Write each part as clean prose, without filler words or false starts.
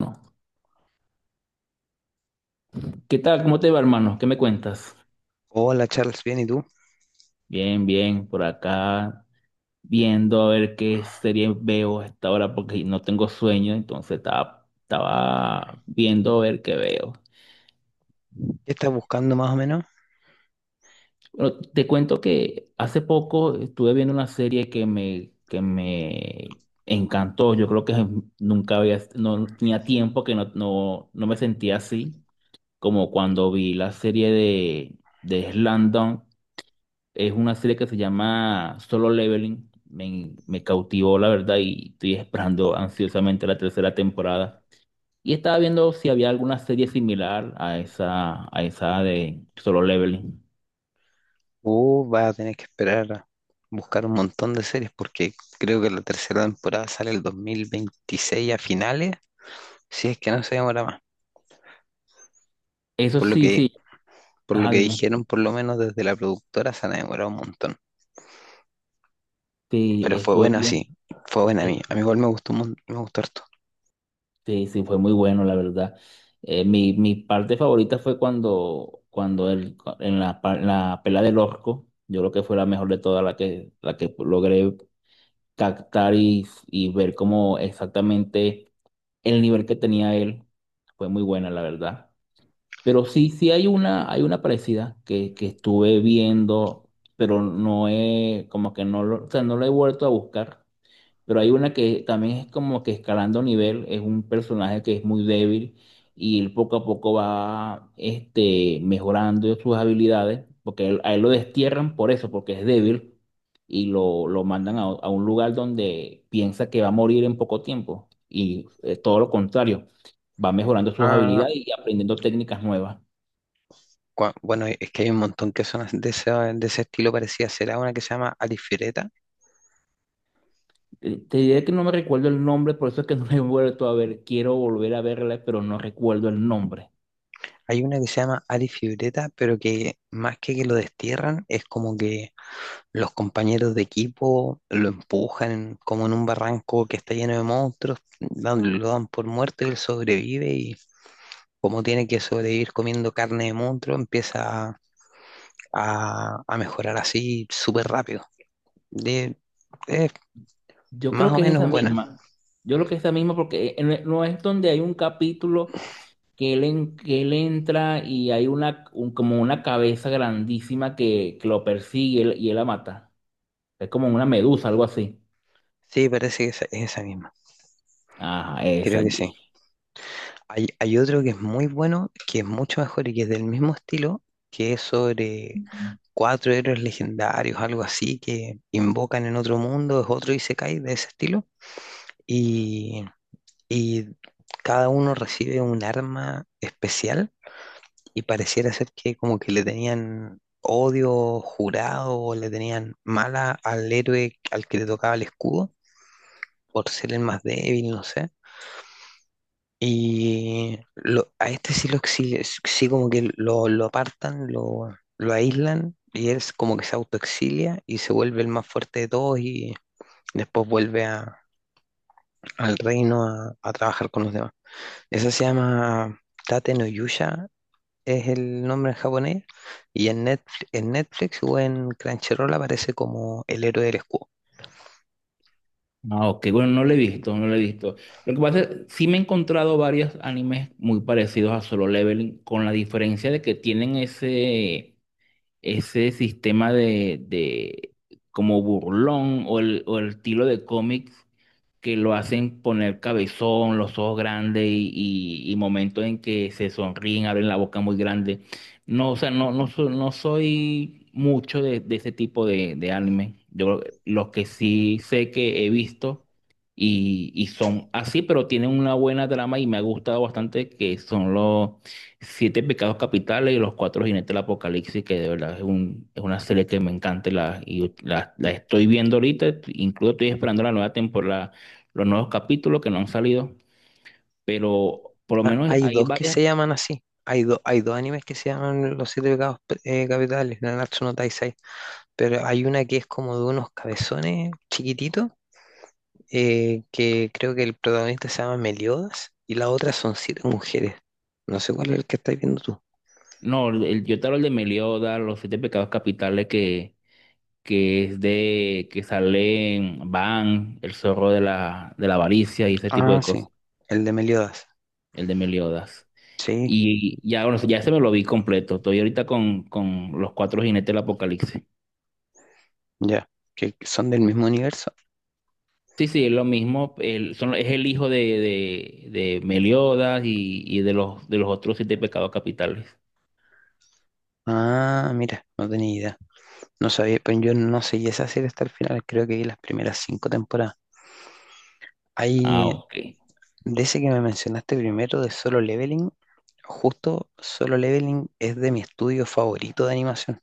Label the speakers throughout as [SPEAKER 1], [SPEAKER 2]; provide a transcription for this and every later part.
[SPEAKER 1] No. ¿Qué tal? ¿Cómo te va, hermano? ¿Qué me cuentas?
[SPEAKER 2] Hola Charles, bien, ¿y tú?
[SPEAKER 1] Bien, bien, por acá viendo a ver qué serie veo a esta hora porque no tengo sueño, entonces estaba viendo a ver qué veo.
[SPEAKER 2] ¿Qué estás buscando más o menos?
[SPEAKER 1] Bueno, te cuento que hace poco estuve viendo una serie que me encantó. Yo creo que nunca había, no tenía tiempo que no me sentía así, como cuando vi la serie de Slam Dunk. Es una serie que se llama Solo Leveling. Me cautivó, la verdad, y estoy esperando ansiosamente la tercera temporada. Y estaba viendo si había alguna serie similar a esa de Solo Leveling.
[SPEAKER 2] Vas a tener que esperar a buscar un montón de series porque creo que la tercera temporada sale el 2026 a finales, si es que no se demora más.
[SPEAKER 1] Eso
[SPEAKER 2] Por lo
[SPEAKER 1] sí,
[SPEAKER 2] que,
[SPEAKER 1] sí.
[SPEAKER 2] por lo
[SPEAKER 1] Ah,
[SPEAKER 2] que
[SPEAKER 1] dime.
[SPEAKER 2] dijeron, por lo menos desde la productora se han demorado un montón.
[SPEAKER 1] Sí,
[SPEAKER 2] Pero fue
[SPEAKER 1] estuve
[SPEAKER 2] buena,
[SPEAKER 1] bien.
[SPEAKER 2] sí, fue buena a mí.
[SPEAKER 1] Este,
[SPEAKER 2] A mí igual me gustó, me gustó harto.
[SPEAKER 1] sí, fue muy bueno, la verdad. Mi parte favorita fue cuando el, en la, pa- en la pelea del orco, yo creo que fue la mejor de todas, la que logré captar y ver cómo exactamente el nivel que tenía él, fue muy buena, la verdad. Pero sí, sí hay una parecida que estuve viendo, pero no he, como que no lo, o sea, no la he vuelto a buscar. Pero hay una que también es como que escalando nivel, es un personaje que es muy débil y él poco a poco va mejorando sus habilidades, porque a él lo destierran por eso, porque es débil y lo mandan a un lugar donde piensa que va a morir en poco tiempo y todo lo contrario, va mejorando sus
[SPEAKER 2] Ah,
[SPEAKER 1] habilidades y aprendiendo técnicas nuevas.
[SPEAKER 2] bueno, es que hay un montón que son de ese estilo, parecía. Será una que se llama Alifireta.
[SPEAKER 1] Te diré que no me recuerdo el nombre, por eso es que no la he vuelto a ver. Quiero volver a verla, pero no recuerdo el nombre.
[SPEAKER 2] Hay una que se llama Ali Fioretta, pero que más que lo destierran, es como que los compañeros de equipo lo empujan como en un barranco que está lleno de monstruos, lo dan por muerto y él sobrevive y como tiene que sobrevivir comiendo carne de monstruo, empieza a mejorar así súper rápido. De, es
[SPEAKER 1] Yo creo
[SPEAKER 2] más o
[SPEAKER 1] que es
[SPEAKER 2] menos
[SPEAKER 1] esa
[SPEAKER 2] buena.
[SPEAKER 1] misma. Yo creo que es esa misma porque no es donde hay un capítulo que él entra y hay como una cabeza grandísima que lo persigue y él la mata. Es como una medusa, algo así.
[SPEAKER 2] Sí, parece que es esa misma.
[SPEAKER 1] Ajá, esa,
[SPEAKER 2] Creo que
[SPEAKER 1] allí.
[SPEAKER 2] sí. Hay otro que es muy bueno, que es mucho mejor y que es del mismo estilo, que es sobre cuatro héroes legendarios, algo así, que invocan en otro mundo, es otro Isekai de ese estilo. Y, y cada uno recibe un arma especial y pareciera ser que como que le tenían odio jurado o le tenían mala al héroe al que le tocaba el escudo por ser el más débil, no sé. A este sí lo exige, sí como que lo apartan, lo aíslan y él es como que se autoexilia y se vuelve el más fuerte de todos y después vuelve al reino a trabajar con los demás. Eso se llama Tate no Yusha, es el nombre en japonés, y en Netflix o en Crunchyroll aparece como El héroe del escudo.
[SPEAKER 1] Ah, ok, bueno, no lo he visto, no lo he visto. Lo que pasa es, sí me he encontrado varios animes muy parecidos a Solo Leveling, con la diferencia de que tienen ese, ese sistema de como burlón o el estilo de cómics que lo hacen poner cabezón, los ojos grandes y, y momentos en que se sonríen, abren la boca muy grande. No, o sea, no soy mucho de ese tipo de anime. Yo los que sí sé que he visto y son así, pero tienen una buena trama y me ha gustado bastante, que son los Siete Pecados Capitales y los Cuatro Jinetes del Apocalipsis, que de verdad es, un, es una serie que me encanta y la estoy viendo ahorita, incluso estoy esperando la nueva temporada, los nuevos capítulos que no han salido, pero por lo
[SPEAKER 2] Ah,
[SPEAKER 1] menos
[SPEAKER 2] hay
[SPEAKER 1] hay
[SPEAKER 2] dos que se
[SPEAKER 1] varias.
[SPEAKER 2] llaman así. Hay dos animes que se llaman Los Siete Pecados Capitales, Nanatsu no Taizai, pero hay una que es como de unos cabezones chiquititos, que creo que el protagonista se llama Meliodas, y la otra son siete mujeres. No sé cuál es el que estás viendo tú.
[SPEAKER 1] No, el, yo te hablo de Meliodas, los Siete Pecados Capitales que es de que salen Van, el zorro de la avaricia y ese tipo
[SPEAKER 2] Ah,
[SPEAKER 1] de
[SPEAKER 2] sí,
[SPEAKER 1] cosas,
[SPEAKER 2] el de Meliodas.
[SPEAKER 1] el de Meliodas.
[SPEAKER 2] Sí,
[SPEAKER 1] Y ya, bueno, ya se me lo vi completo. Estoy ahorita con los Cuatro Jinetes del Apocalipsis.
[SPEAKER 2] ya, que son del mismo universo.
[SPEAKER 1] Sí, sí, es lo mismo. Son, es el hijo de Meliodas y de los otros siete pecados capitales.
[SPEAKER 2] Ah, mira, no tenía idea. No sabía, pero yo no seguí esa serie hasta el final, creo que vi las primeras cinco temporadas.
[SPEAKER 1] Ah,
[SPEAKER 2] Hay,
[SPEAKER 1] ok.
[SPEAKER 2] de ese que me mencionaste primero, de Solo Leveling, justo Solo Leveling es de mi estudio favorito de animación,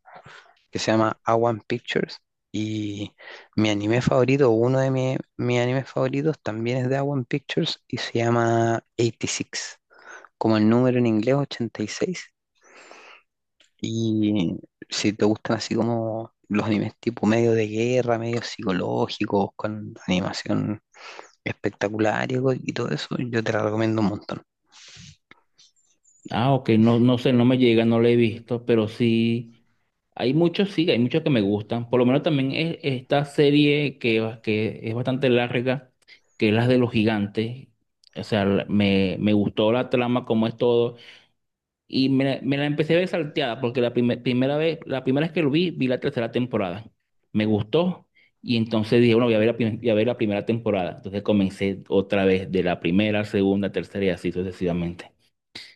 [SPEAKER 2] que se llama A One Pictures. Y mi anime favorito, uno de mis animes favoritos, también es de A One Pictures y se llama 86, como el número en inglés 86. Y seis. Y si te gustan así como los animes tipo medio de guerra, medio psicológicos, con animación espectacular y, y todo eso, yo te la recomiendo un montón.
[SPEAKER 1] Ah, ok, no, no sé, no me llega, no lo he visto, pero sí, hay muchos que me gustan. Por lo menos también es esta serie que es bastante larga, que es la de los gigantes. O sea, me gustó la trama, como es todo. Y me la empecé a ver salteada, porque primera vez, la primera vez que lo vi, vi la tercera temporada. Me gustó, y entonces dije, bueno, voy a ver voy a ver la primera temporada. Entonces comencé otra vez de la primera, segunda, tercera y así sucesivamente.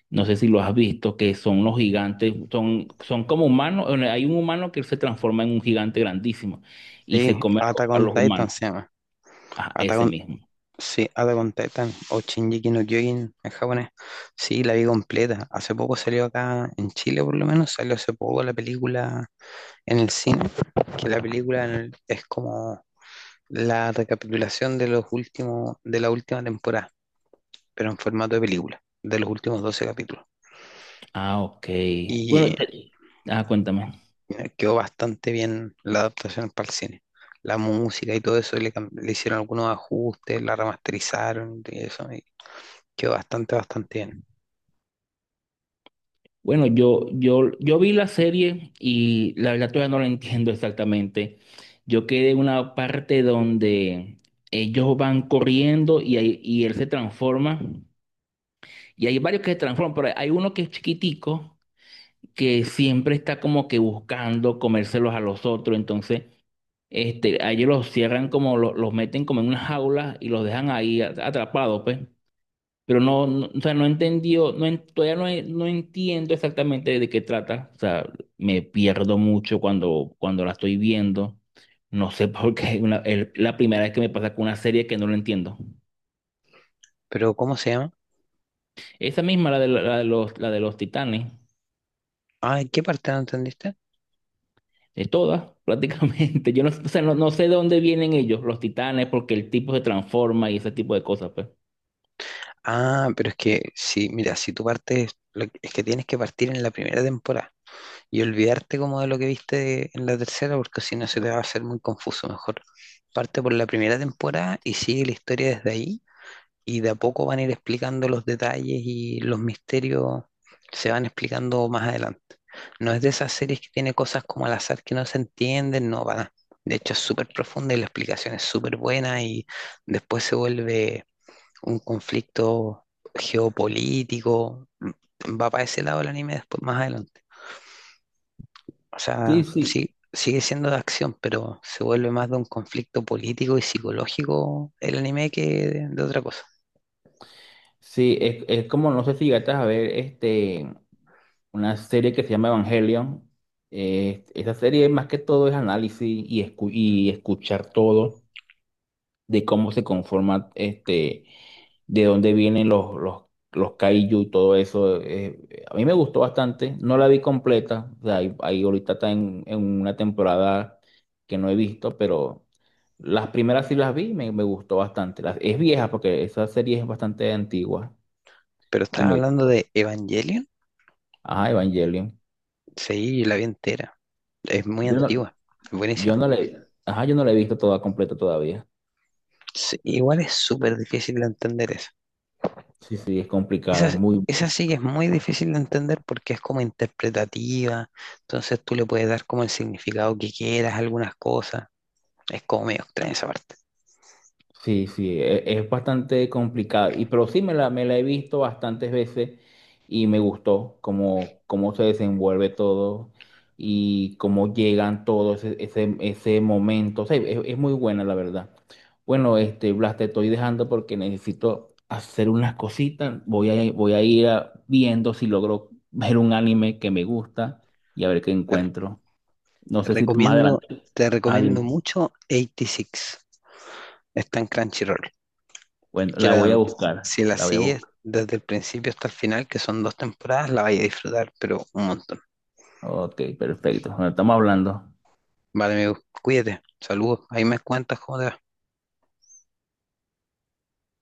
[SPEAKER 1] No sé si lo has visto, que son los gigantes, son como humanos. Bueno, hay un humano que se transforma en un gigante grandísimo y se
[SPEAKER 2] Sí,
[SPEAKER 1] come
[SPEAKER 2] Attack
[SPEAKER 1] a
[SPEAKER 2] on
[SPEAKER 1] los
[SPEAKER 2] Titan
[SPEAKER 1] humanos.
[SPEAKER 2] se llama.
[SPEAKER 1] Ah, ese
[SPEAKER 2] Attack
[SPEAKER 1] mismo.
[SPEAKER 2] Sí, Attack on Titan o Shingeki no Kyojin en japonés. Sí, la vi completa. Hace poco salió acá en Chile, por lo menos, salió hace poco la película en el cine, que la película es como la recapitulación de de la última temporada, pero en formato de película, de los últimos 12 capítulos.
[SPEAKER 1] Ah, ok. Bueno,
[SPEAKER 2] Y
[SPEAKER 1] te- ah, cuéntame.
[SPEAKER 2] quedó bastante bien la adaptación para el cine. La música y todo eso, le hicieron algunos ajustes, la remasterizaron y eso, y quedó bastante, bastante bien.
[SPEAKER 1] Bueno, yo vi la serie y la verdad todavía no la entiendo exactamente. Yo quedé en una parte donde ellos van corriendo y, y él se transforma. Y hay varios que se transforman, pero hay uno que es chiquitico que siempre está como que buscando comérselos a los otros. Entonces, a ellos los cierran como los meten como en una jaula y los dejan ahí atrapados, pues. Pero no, o sea, no entendió, no, todavía no, no entiendo exactamente de qué trata. O sea, me pierdo mucho cuando la estoy viendo. No sé por qué, es la primera vez que me pasa con una serie que no lo entiendo.
[SPEAKER 2] Pero, ¿cómo se llama?
[SPEAKER 1] Esa misma, la de, la de los titanes.
[SPEAKER 2] Ah, ¿en qué parte no entendiste?
[SPEAKER 1] De todas, prácticamente. Yo no, o sea, no sé de dónde vienen ellos, los titanes, porque el tipo se transforma y ese tipo de cosas, pues.
[SPEAKER 2] Ah, pero es que sí, mira, si tú partes, es que tienes que partir en la primera temporada y olvidarte como de lo que viste en la tercera, porque si no se te va a hacer muy confuso. Mejor parte por la primera temporada y sigue la historia desde ahí y de a poco van a ir explicando los detalles, y los misterios se van explicando más adelante. No es de esas series que tiene cosas como al azar que no se entienden, no, para nada. De hecho, es súper profunda y la explicación es súper buena y después se vuelve un conflicto geopolítico. Va para ese lado el anime después, más adelante. O
[SPEAKER 1] Sí,
[SPEAKER 2] sea,
[SPEAKER 1] sí.
[SPEAKER 2] sí, sigue siendo de acción, pero se vuelve más de un conflicto político y psicológico el anime que de otra cosa.
[SPEAKER 1] Sí, es como, no sé si llegaste a ver una serie que se llama Evangelion. Esa serie más que todo es análisis y, y escuchar todo, de cómo se conforma, de dónde vienen los kaiju y todo eso. A mí me gustó bastante, no la vi completa, o sea, ahí ahorita está en una temporada que no he visto, pero las primeras sí las vi, me gustó bastante. Las, es vieja porque esa serie es bastante antigua
[SPEAKER 2] Pero
[SPEAKER 1] y
[SPEAKER 2] estaba
[SPEAKER 1] me
[SPEAKER 2] hablando
[SPEAKER 1] gustó.
[SPEAKER 2] de Evangelion.
[SPEAKER 1] Ajá, Evangelion.
[SPEAKER 2] Sí, la vi entera. Es muy
[SPEAKER 1] Yo no,
[SPEAKER 2] antigua. Es
[SPEAKER 1] yo
[SPEAKER 2] buenísima.
[SPEAKER 1] no la ajá, yo no la he visto toda completa todavía.
[SPEAKER 2] Sí, igual es súper difícil de entender eso.
[SPEAKER 1] Sí, sí, es
[SPEAKER 2] Esa,
[SPEAKER 1] complicada, muy buena.
[SPEAKER 2] esa sí que es muy difícil de entender porque es como interpretativa. Entonces tú le puedes dar como el significado que quieras a algunas cosas. Es como medio extraña esa parte.
[SPEAKER 1] Sí, sí, es bastante complicado. Y pero sí me la he visto bastantes veces y me gustó cómo, cómo se desenvuelve todo y cómo llegan todos ese momento. O sea, es muy buena la verdad. Bueno, Blas, te estoy dejando porque necesito hacer unas cositas. Voy a, voy a ir viendo si logro ver un anime que me gusta y a ver qué
[SPEAKER 2] Dale.
[SPEAKER 1] encuentro. No
[SPEAKER 2] Te
[SPEAKER 1] sé si más
[SPEAKER 2] recomiendo,
[SPEAKER 1] adelante.
[SPEAKER 2] te
[SPEAKER 1] Adiós.
[SPEAKER 2] recomiendo mucho 86. Está en Crunchyroll.
[SPEAKER 1] Bueno,
[SPEAKER 2] Que
[SPEAKER 1] la voy a
[SPEAKER 2] la-
[SPEAKER 1] buscar.
[SPEAKER 2] si la
[SPEAKER 1] La voy a
[SPEAKER 2] sigues
[SPEAKER 1] buscar.
[SPEAKER 2] desde el principio hasta el final, que son dos temporadas, la vais a disfrutar, pero un montón.
[SPEAKER 1] Ok, perfecto. Bueno, estamos hablando.
[SPEAKER 2] Vale, amigo, cuídate. Saludos. Ahí me cuentas cómo te va.